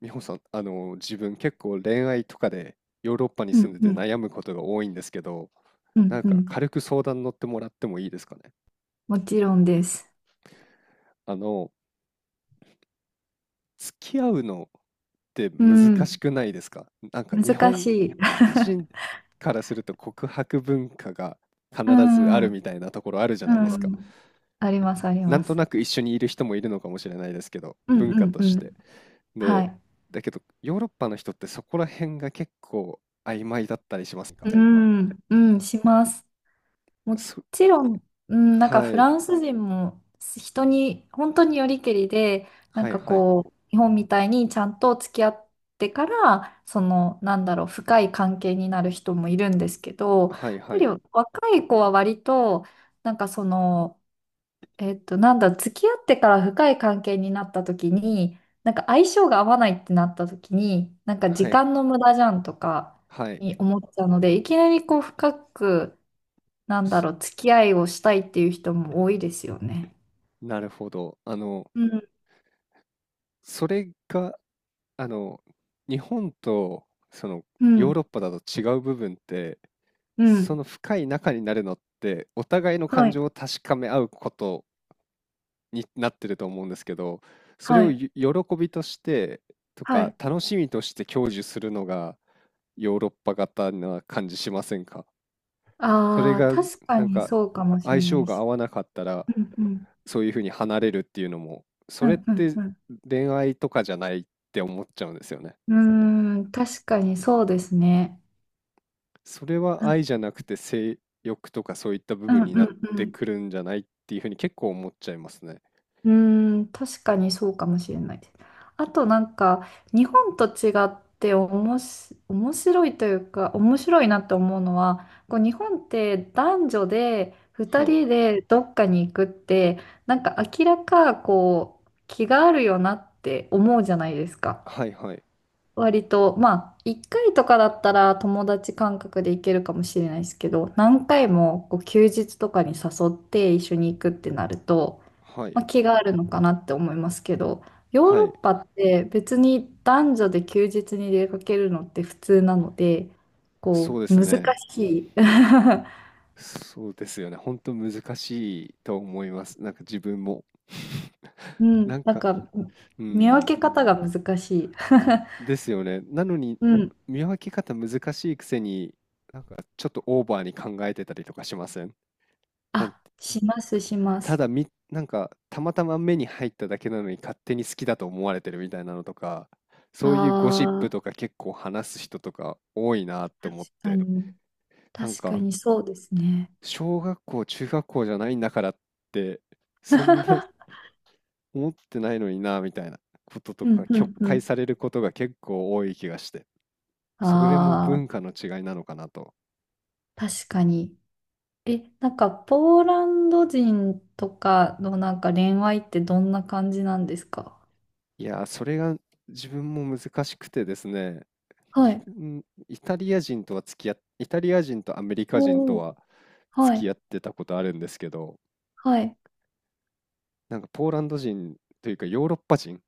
美穂さん、自分結構恋愛とかでヨーロッパにう住んんでてうん悩むことが多いんですけど、うなんんうかん。軽く相談乗ってもらってもいいですかね。もちろんです。あの、付き合うのってう難しん。くないですか？なんか日難し本い。人 からすると告白文化が必うずあん。るみうたいなところあるじゃないですか。ん。あります、ありなまんとす。なく一緒にいる人もいるのかもしれないですけど、うん文う化んとうして。ん。はで、い。だけどヨーロッパの人ってそこら辺が結構曖昧だったりしますか？うん。うん、します。もそちろん、うん、なんかはフい。ランス人も人に、本当によりけりで、なんはいかはい。こう、日本みたいにちゃんと付き合ってから、深い関係になる人もいるんですけど、やっはいぱはりい。若い子は割と、なんかその、えっと、なんだ、付き合ってから深い関係になった時に、なんか相性が合わないってなった時に、なんかは時い。間の無駄じゃんとかはい。に思っちゃうので、いきなりこう深く、す付き合いをしたいっていう人も多いですよね。なるほど。うん、それが、あの、日本と、その、うヨーロッん、パだと違う部分って、うそん。の深い仲になるのって、お互いのは感い、情を確かめ合うことになってると思うんですけど、それはをい、喜びとして、とはか、い。楽しみとして享受するのが、ヨーロッパ型な感じしませんか？それああ、が確かなんにかそうかもしれ相な性いがし。合わなかったらうん、うん、そういうふうに離れるっていうのもそうれっん、うん、てう恋愛とかじゃないって思っちゃうんですよね。ん。うーん、確かにそうですね。それうはん、愛じゃなくて性欲とかそういった部うん、分うになっん、うてん。くるんじゃないっていうふうに結構思っちゃいますね。うーん、確かにそうかもしれないです。あとなんか、日本と違っておもし、面白いというか、面白いなって思うのは、こう日本って男女で2はい。人でどっかに行くって、なんか明らかこう、気があるよなって思うじゃないですか。はいはい。割と、まあ、1回とかだったら友達感覚で行けるかもしれないですけど、何回もこう休日とかに誘って一緒に行くってなると、はまい。あ、気があるのかなって思いますけど、ヨーはロッい。パって別に男女で休日に出かけるのって普通なので、こそうでう、す難ね。しい。そうですよね。本当難しいと思います。なんか自分も。うん、なんなんか、か、う見ん、分け方が難しい。ですよね。なのに、うん。見分け方難しいくせに、なんかちょっとオーバーに考えてたりとかしません？なんあ、します、しまたす。だなんかたまたま目に入っただけなのに勝手に好きだと思われてるみたいなのとか、あそういうゴシップあ、とか結構話す人とか多いなって確思っかて、に。なん確かかにそうですね。小学校、中学校じゃないんだからって、そんな 思ってないのになみたいなこととうん、かう曲ん、う解ん。されることが結構多い気がしてそれもああ、文化の違いなのかなと。確かに。え、なんか、ポーランド人とかのなんか恋愛ってどんな感じなんですか？いやー、それが自分も難しくてですね、は自い。分イタリア人とは付き合っイタリア人とアメリカ人とおお。はは付きい。合ってたことあるんですけど、はい。なんかポーランド人というかヨーロッパ人、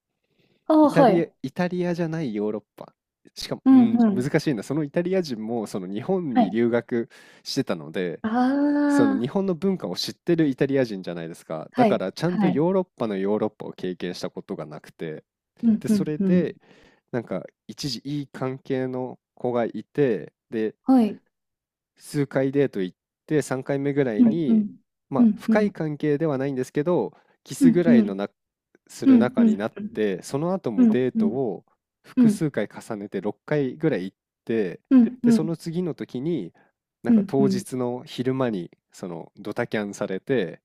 あイあ、タはリア、い。イタリアじゃないヨーロッパ。しかも、ううんん、うん。難しいな。そのイタリア人も、その日本はにい。留学してたので、あその日あ、本の文化を知ってるイタリア人じゃないですか。だはかい。らちゃんとはい。ヨーロッパのヨーロッパを経験したことがなくて、うんで、うそんれうん。でなんか一時いい関係の子がいて、で、はい。数回デート行って3回目ぐらいうんうに、ん。まうあ、んう深いん。関係ではないんですけどキうスぐんうらいのん。すうるん仲うになっん。て、その後うもんうん。デーうトんをうん複うん。数回重ねて6回ぐらい行って、でその次の時になんうかんう当ん。日の昼間にそのドタキャンされて、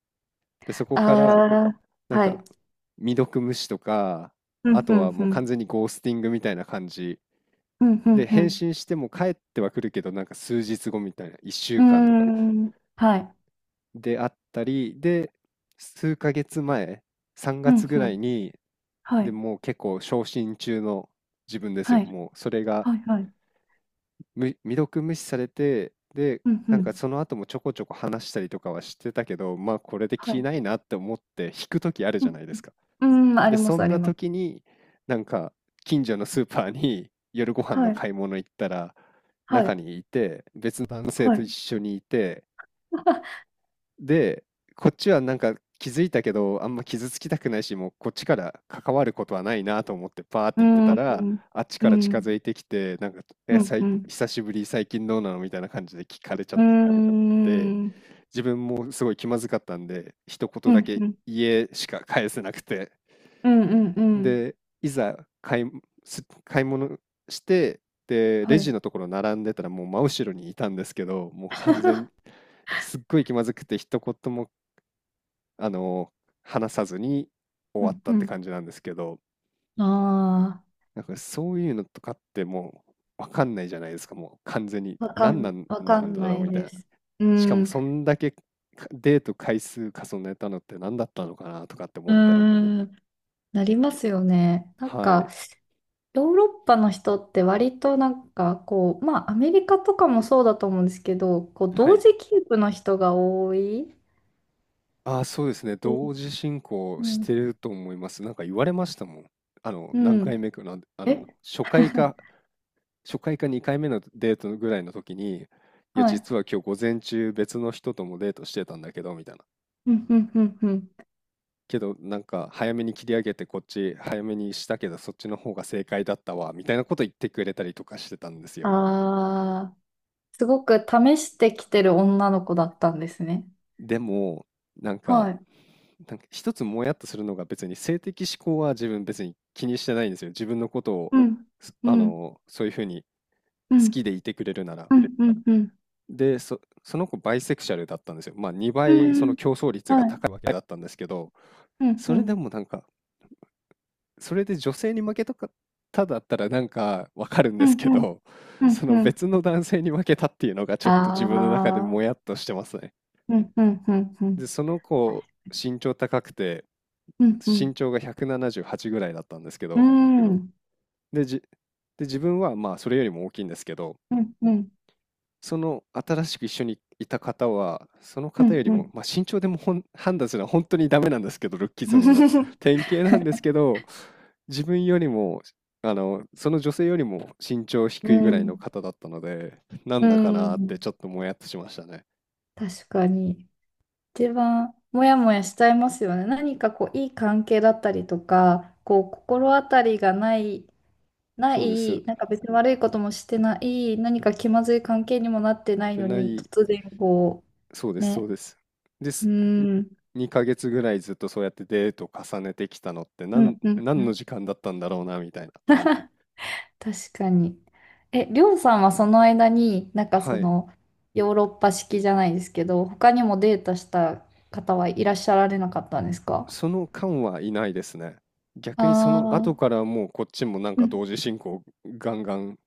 でそこからああ、なんはかい。未読無視とか、うあんうとはんうもう完ん。全にゴースティングみたいな感じうんうで、返ん信しても帰ってはくるけど、なんか数日後みたいな、1う週間とかん。うーん。はい。であったり、で、数ヶ月前、3う月んぐうらいん。に、はでい。もう結構昇進中の自分ですはよ。い。もうそれがはいはい。未読無視されて、で、うんうなんかん。その後もちょこちょこ話したりとかはしてたけど、まあこれでは気い。ないなって思って引く時あるうじゃなん、いですか。うん、あで、りまそす、んありなます。時に、なんか、近所のスーパーに 夜ご飯のはい。買い物行ったら、は中い。にいて、別の男性はとい。一緒にいて、で、こっちはなんか気づいたけど、あんま傷つきたくないし、もうこっちから関わることはないなと思ってパーってう言ってん。たうら、ん。あっちうから近づん。いてきて、なんか、うえ、ん。うん。久しぶり、最近どうなのみたいな感じで聞かれちゃっうて、ん。うん。自分もすごい気まずかったんで、一う言だん。け、うん。家しか返せなくて、うんうんで、いざ買い物して、で、レはジい。のところ並んでたらもう真後ろにいたんですけど、もう完全 すっごい気まずくて一言も、あの、話さずに終うわっん。たっうてん。感じなんですけど、あなんかそういうのとかってうわかんないじゃないですか、もう完全に。あ、んわなかんんだなろういみたいでな。す。うしかもん。そんだけか、デート回数重ねたのって何だったのかなとかって思うったり。ん。なりますよね。なんはか、い。ヨーロッパの人って割となんかこう、まあアメリカとかもそうだと思うんですけど、こうは同い。時キープの人が多い。ああ、そうですね。同え時進行うしてん。ると思います。なんか言われましたもん。あの、う何回ん。目かなん、あえ の、初 回か、初回か2回目のデートぐらいの時に、いや、はい。実は今日午前中別の人ともデートしてたんだけど、みたいな。うんうんうんうん。けど、なんか早めに切り上げてこっち早めにしたけど、そっちの方が正解だったわ、みたいなこと言ってくれたりとかしてたんですよ。ああ、すごく試してきてる女の子だったんですね。でも、なんか、はい。なんか一つもやっとするのが、別に性的指向は自分別に気にしてないんですよ。自分のことを、うん。うあん。の、そういうふうにう好ん。きでいてくれるなら。うん。うん。うん。で、その子バイセクシャルだったんですよ。まあ2う倍そのん競争率がはい。高いわけだったんですけど、うん。そうれん。でもなんか、それで女性に負けたかっただったらなんかわかるんうですん。けうん。ど、うそんのうん。別の男性に負けたっていうのがちょっあと自分の中でもあ。やっとしてますね。うん。うん。うん。うん。で、その子身長高くて、うん。う身ん。長が178ぐらいだったんですけうど、ん。で、じ、で、自分はまあそれよりも大きいんですけど、うん。うん。その新しく一緒にいた方は、そのう方よん。りうも、ん。まあ身長でも判断するのは本当にダメなんですけど、ルッキズムの典型なんですけど、自分よりも、あの、その女性よりも身長低ういぐらいのん。方だったので、なうんだかなーってんちょっともやっとしましたね。確かに。一番モヤモヤしちゃいますよね。何かこういい関係だったりとか、こう心当たりがない、なそうです。い、なんか別に悪いこともしてない、何か気まずい関係にもなってないで、のなに、い、突然こそうでう、す、そうね、です。でうす。ーん、2ヶ月ぐらいずっとそうやってデートを重ねてきたのって、うんうんう何のん。時間だったんだろうなみたいな。確かに。え、りょうさんはその間に、なんかはそい。の、ヨーロッパ式じゃないですけど、他にもデートした方はいらっしゃられなかったんですか？その間はいないですね。逆にその後ああからもうこっちもなんー、うかん、同時進行ガンガン、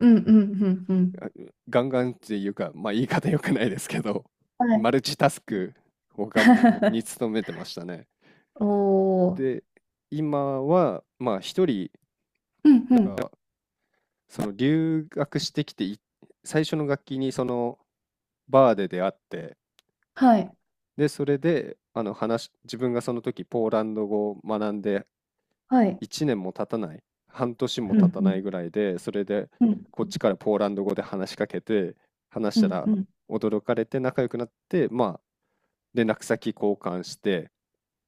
うんうんうんうん。あガンガンっていうか、まあ言い方良くないですけど、はマい ルチタスクをに努 めてましたね。おー、で、今はまあ一人、うんうん。が、その留学してきてい、最初の楽器にそのバーで出会って、はい、で、それで、話し自分がその時ポーランド語を学んではい。1年も経たない、半年もう経たないんぐらいで、それでうんこっうんちからポーランド語で話しかけて、話しうたらん驚かれて仲良くなって、まあ、連絡先交換して、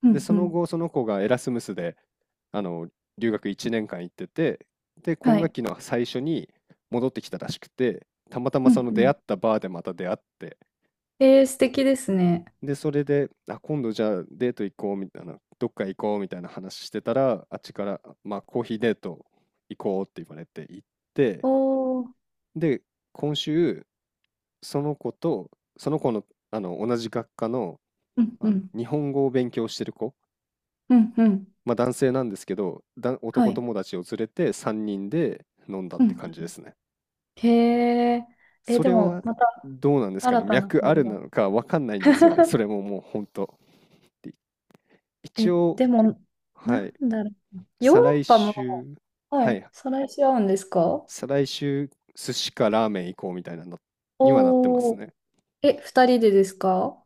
うで、んそうのん後、その子がエラスムスで、あの、留学1年間行ってて、で、は今学い。期の最初に戻ってきたらしくて、たまたまうそんのう出会んったバーでまた出会って、えー、素敵ですね。で、それで、あ、今度じゃあデート行こうみたいな、どっか行こうみたいな話してたら、あっちから、まあコーヒーデート行こうって言われて行って、おー、で、今週、その子と、その子の、同じ学科の、うんうん日本語を勉強してる子、うんうんまあ男性なんですけど、だ、は男い。友達を連れて3人で飲んだっうてん感じですね。へえ、えー、そでれも、はまたどうなんですかね、新たな脈あ声るが。なのかわかんないんですよね、それ ももう本当。でえ、一応、でも、はない、んだろう。ヨー再ロ来ッパ週、も、ははい、い、再来し合うんですか？再来週、寿司かラーメン行こうみたいなのにはなってますおー、ね。え、二人でですか？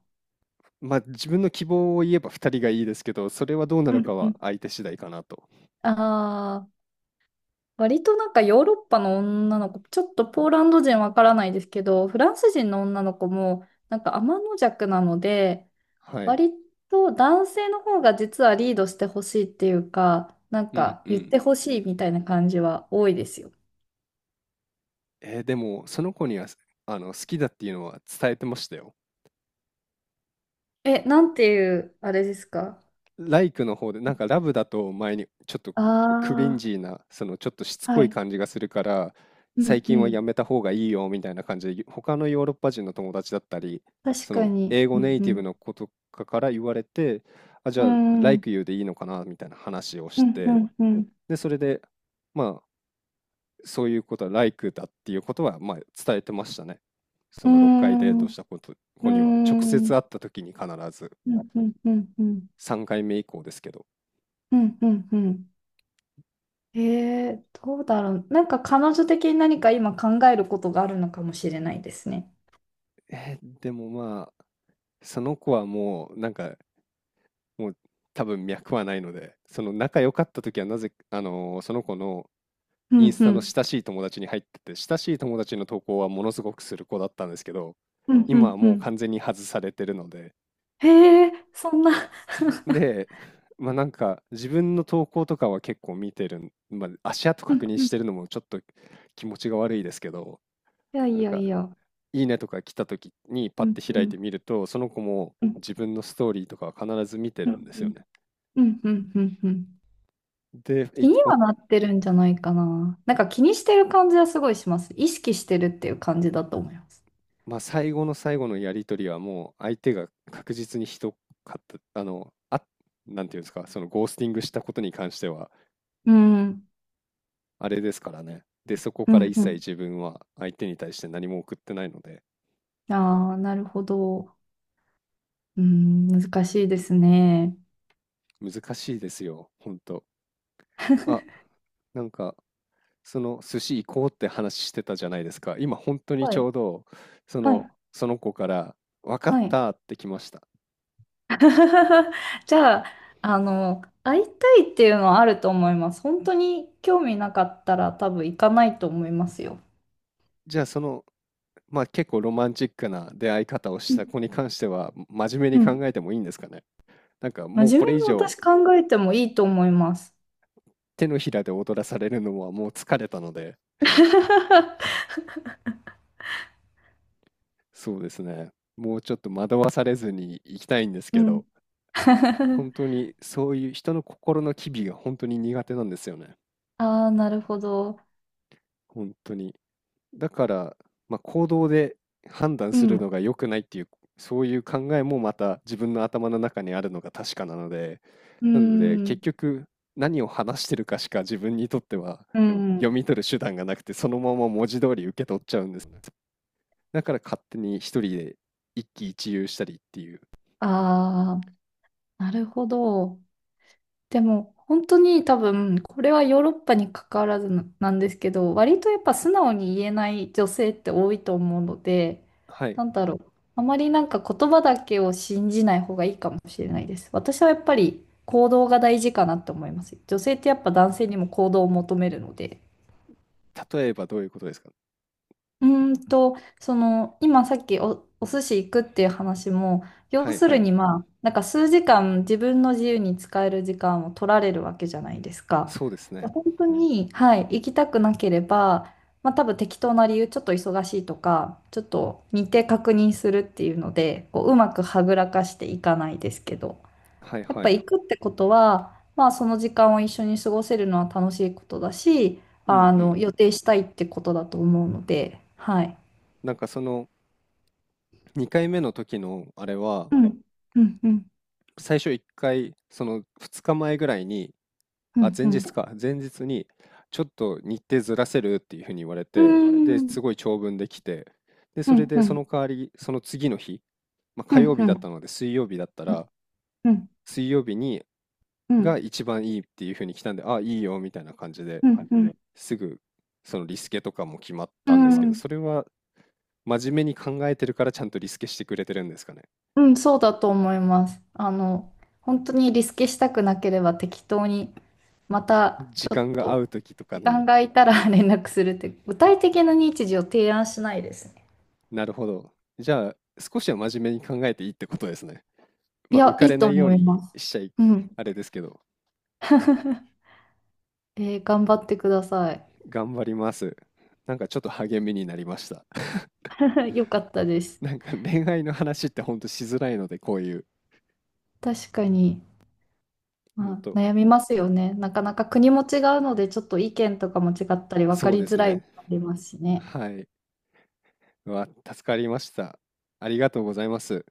まあ自分の希望を言えば2人がいいですけど、それはどうなうるかんうはん相手次第かなと。あ割となんかヨーロッパの女の子、ちょっとポーランド人わからないですけど、フランス人の女の子もなんか天邪弱なので、はい。割と男性の方が実はリードしてほしいっていうか、なんうんかう言っん。てほしいみたいな感じは多いですよ。でも、その子には、好きだっていうのは伝えてましたよ。え、なんていう、あれですか？ライクの方で、なんかラブだと前にちょっとクリンああジーな、そのちょっとしつー、はこいい。感じがするから、う最んう近はん。やめた方がいいよみたいな感じで、他のヨーロッパ人の友達だったり、確そかのに。英う語ネイティブんの子とかから言われて、あ、じうゃあ、ん。うー like ん。you でいいのかなみたいな話をうしんうて、んうん。で、それで、まあ、そういうことは like だっていうことは、まあ、伝えてましたね。そうーの6回デーん。トうしたこと、ー子には、直接ん。会った時に必ず、うんうんうんうん。3回目以降ですけど。うんうんうん。えー、どうだろう。なんか彼女的に何か今考えることがあるのかもしれないですね。でもまあ、その子はもう、なんか、もう多分脈はないので、その仲良かった時はなぜ、その子のうインんスうタのん。親しい友達に入ってて、親しい友達の投稿はものすごくする子だったんですけど、うんう今はんうもうん。完全に外されてるので、へえ、そんな。で、まあなんか自分の投稿とかは結構見てるん、まあ足跡うん確認うん。しいてるのもちょっと気持ちが悪いですけど、やいなんやかいや。いいねとか来た時にパうッんてう開いんてみると、その子もうん自分のストーリーとかは必ず見てうんるんですうよんね。うんうんうんうんで、気いにおはなってるんじゃないかな。なんか気にしてる感じはすごいします。意識してるっていう感じだと思います。まあ、最後のやり取りはもう相手が確実にひどかった、なんていうんですか、そのゴースティングしたことに関しては、うん。あれですからね。で、そこうからん一う切ん。自分は相手に対して何も送ってないので、ああ、なるほど。うん、難しいですね。難しいですよ、ほんと。あ、なんかその寿司行こうって話してたじゃないですか。今本当にはちょい。うどそはのい。その子から分かっはい。たって来ました。じゃあ、あの、会いたいっていうのはあると思います。本当に興味なかったら多分行かないと思いますよ。じゃあその、まあ結構ロマンチックな出会い方をしうんた子に関しては真面目うにん。考えてもいいんですかね。なんかもう真こ面目れ以に上私考えてもいいと思います。手のひらで踊らされるのはもう疲れたので、そうですね。もうちょっと惑わされずに行きたいんですうけん。ど、本 当にそういう人の心の機微が本当に苦手なんですよね。ああ、なるほど。本当に。だから、まあ、行動で判断うするん。のが良くないっていう、そういう考えもまた自分の頭の中にあるのが確かなので、うなのでん。結局何を話してるかしか自分にとってはう読ん。み取る手段がなくて、そのまま文字通り受け取っちゃうんですね。だから勝手に一人で一喜一憂したりっていう。ああ、なるほど。でも本当に多分これはヨーロッパに関わらずななんですけど、割とやっぱ素直に言えない女性って多いと思うので、はい。なんだろう、あまりなんか言葉だけを信じない方がいいかもしれないです。私はやっぱり行動が大事かなって思います。女性ってやっぱ男性にも行動を求めるので。例えばどういうことですか？その、今さっきお、お寿司行くっていう話も、は要いすはるい。にまあ、なんか数時間自分の自由に使える時間を取られるわけじゃないですか。そうですでね。本当に、はい、行きたくなければ、まあ多分適当な理由、ちょっと忙しいとか、ちょっと日程確認するっていうので、こう、うまくはぐらかしていかないですけど。はいやっはぱい。行くってことは、まあその時間を一緒に過ごせるのは楽しいことだし、うあんうの、ん。予定したいってことだと思うので、はい。なんかその2回目の時のあれは、うん、うん、うん、最初1回、その2日前ぐらいに、うあ、ん、前うん、日か、前日に、ちょっと日程ずらせるっていうふうに言われうて、で、すん、ごい長文できて、で、うそれん、でうそん、の代わり、その次の日、まあ、うん、火曜う日ん、うだったん、ので、水曜日だったら、うん、水曜日にうん、うん、が一番いいっていうふうに来たんで、あ、いいよみたいな感じですぐ、そのリスケとかも決まっうたんですけど、ん、それは真面目に考えてるからちゃんとリスケしてくれてるんですかね。うんそうだと思います。あの、本当にリスケしたくなければ適当に、またち時ょっ間が合とう時とか時間に、が空いたら 連絡するって、具体的な日時を提案しないです。なるほど。じゃあ、少しは真面目に考えていいってことですね。いまあ、浮や、かいれいとないよう思いにます。しちゃい、うん。あれですけど、えー頑張ってください。頑張ります。なんかちょっと励みになりました。よかったです。なんか恋愛の話ってほんとしづらいので、こういう。確かに、うまんあ、と、悩みますよね。なかなか国も違うので、ちょっと意見とかも違ったり、分かそうりでづすらいのね。もありますしね。はい。うわ、助かりました。ありがとうございます。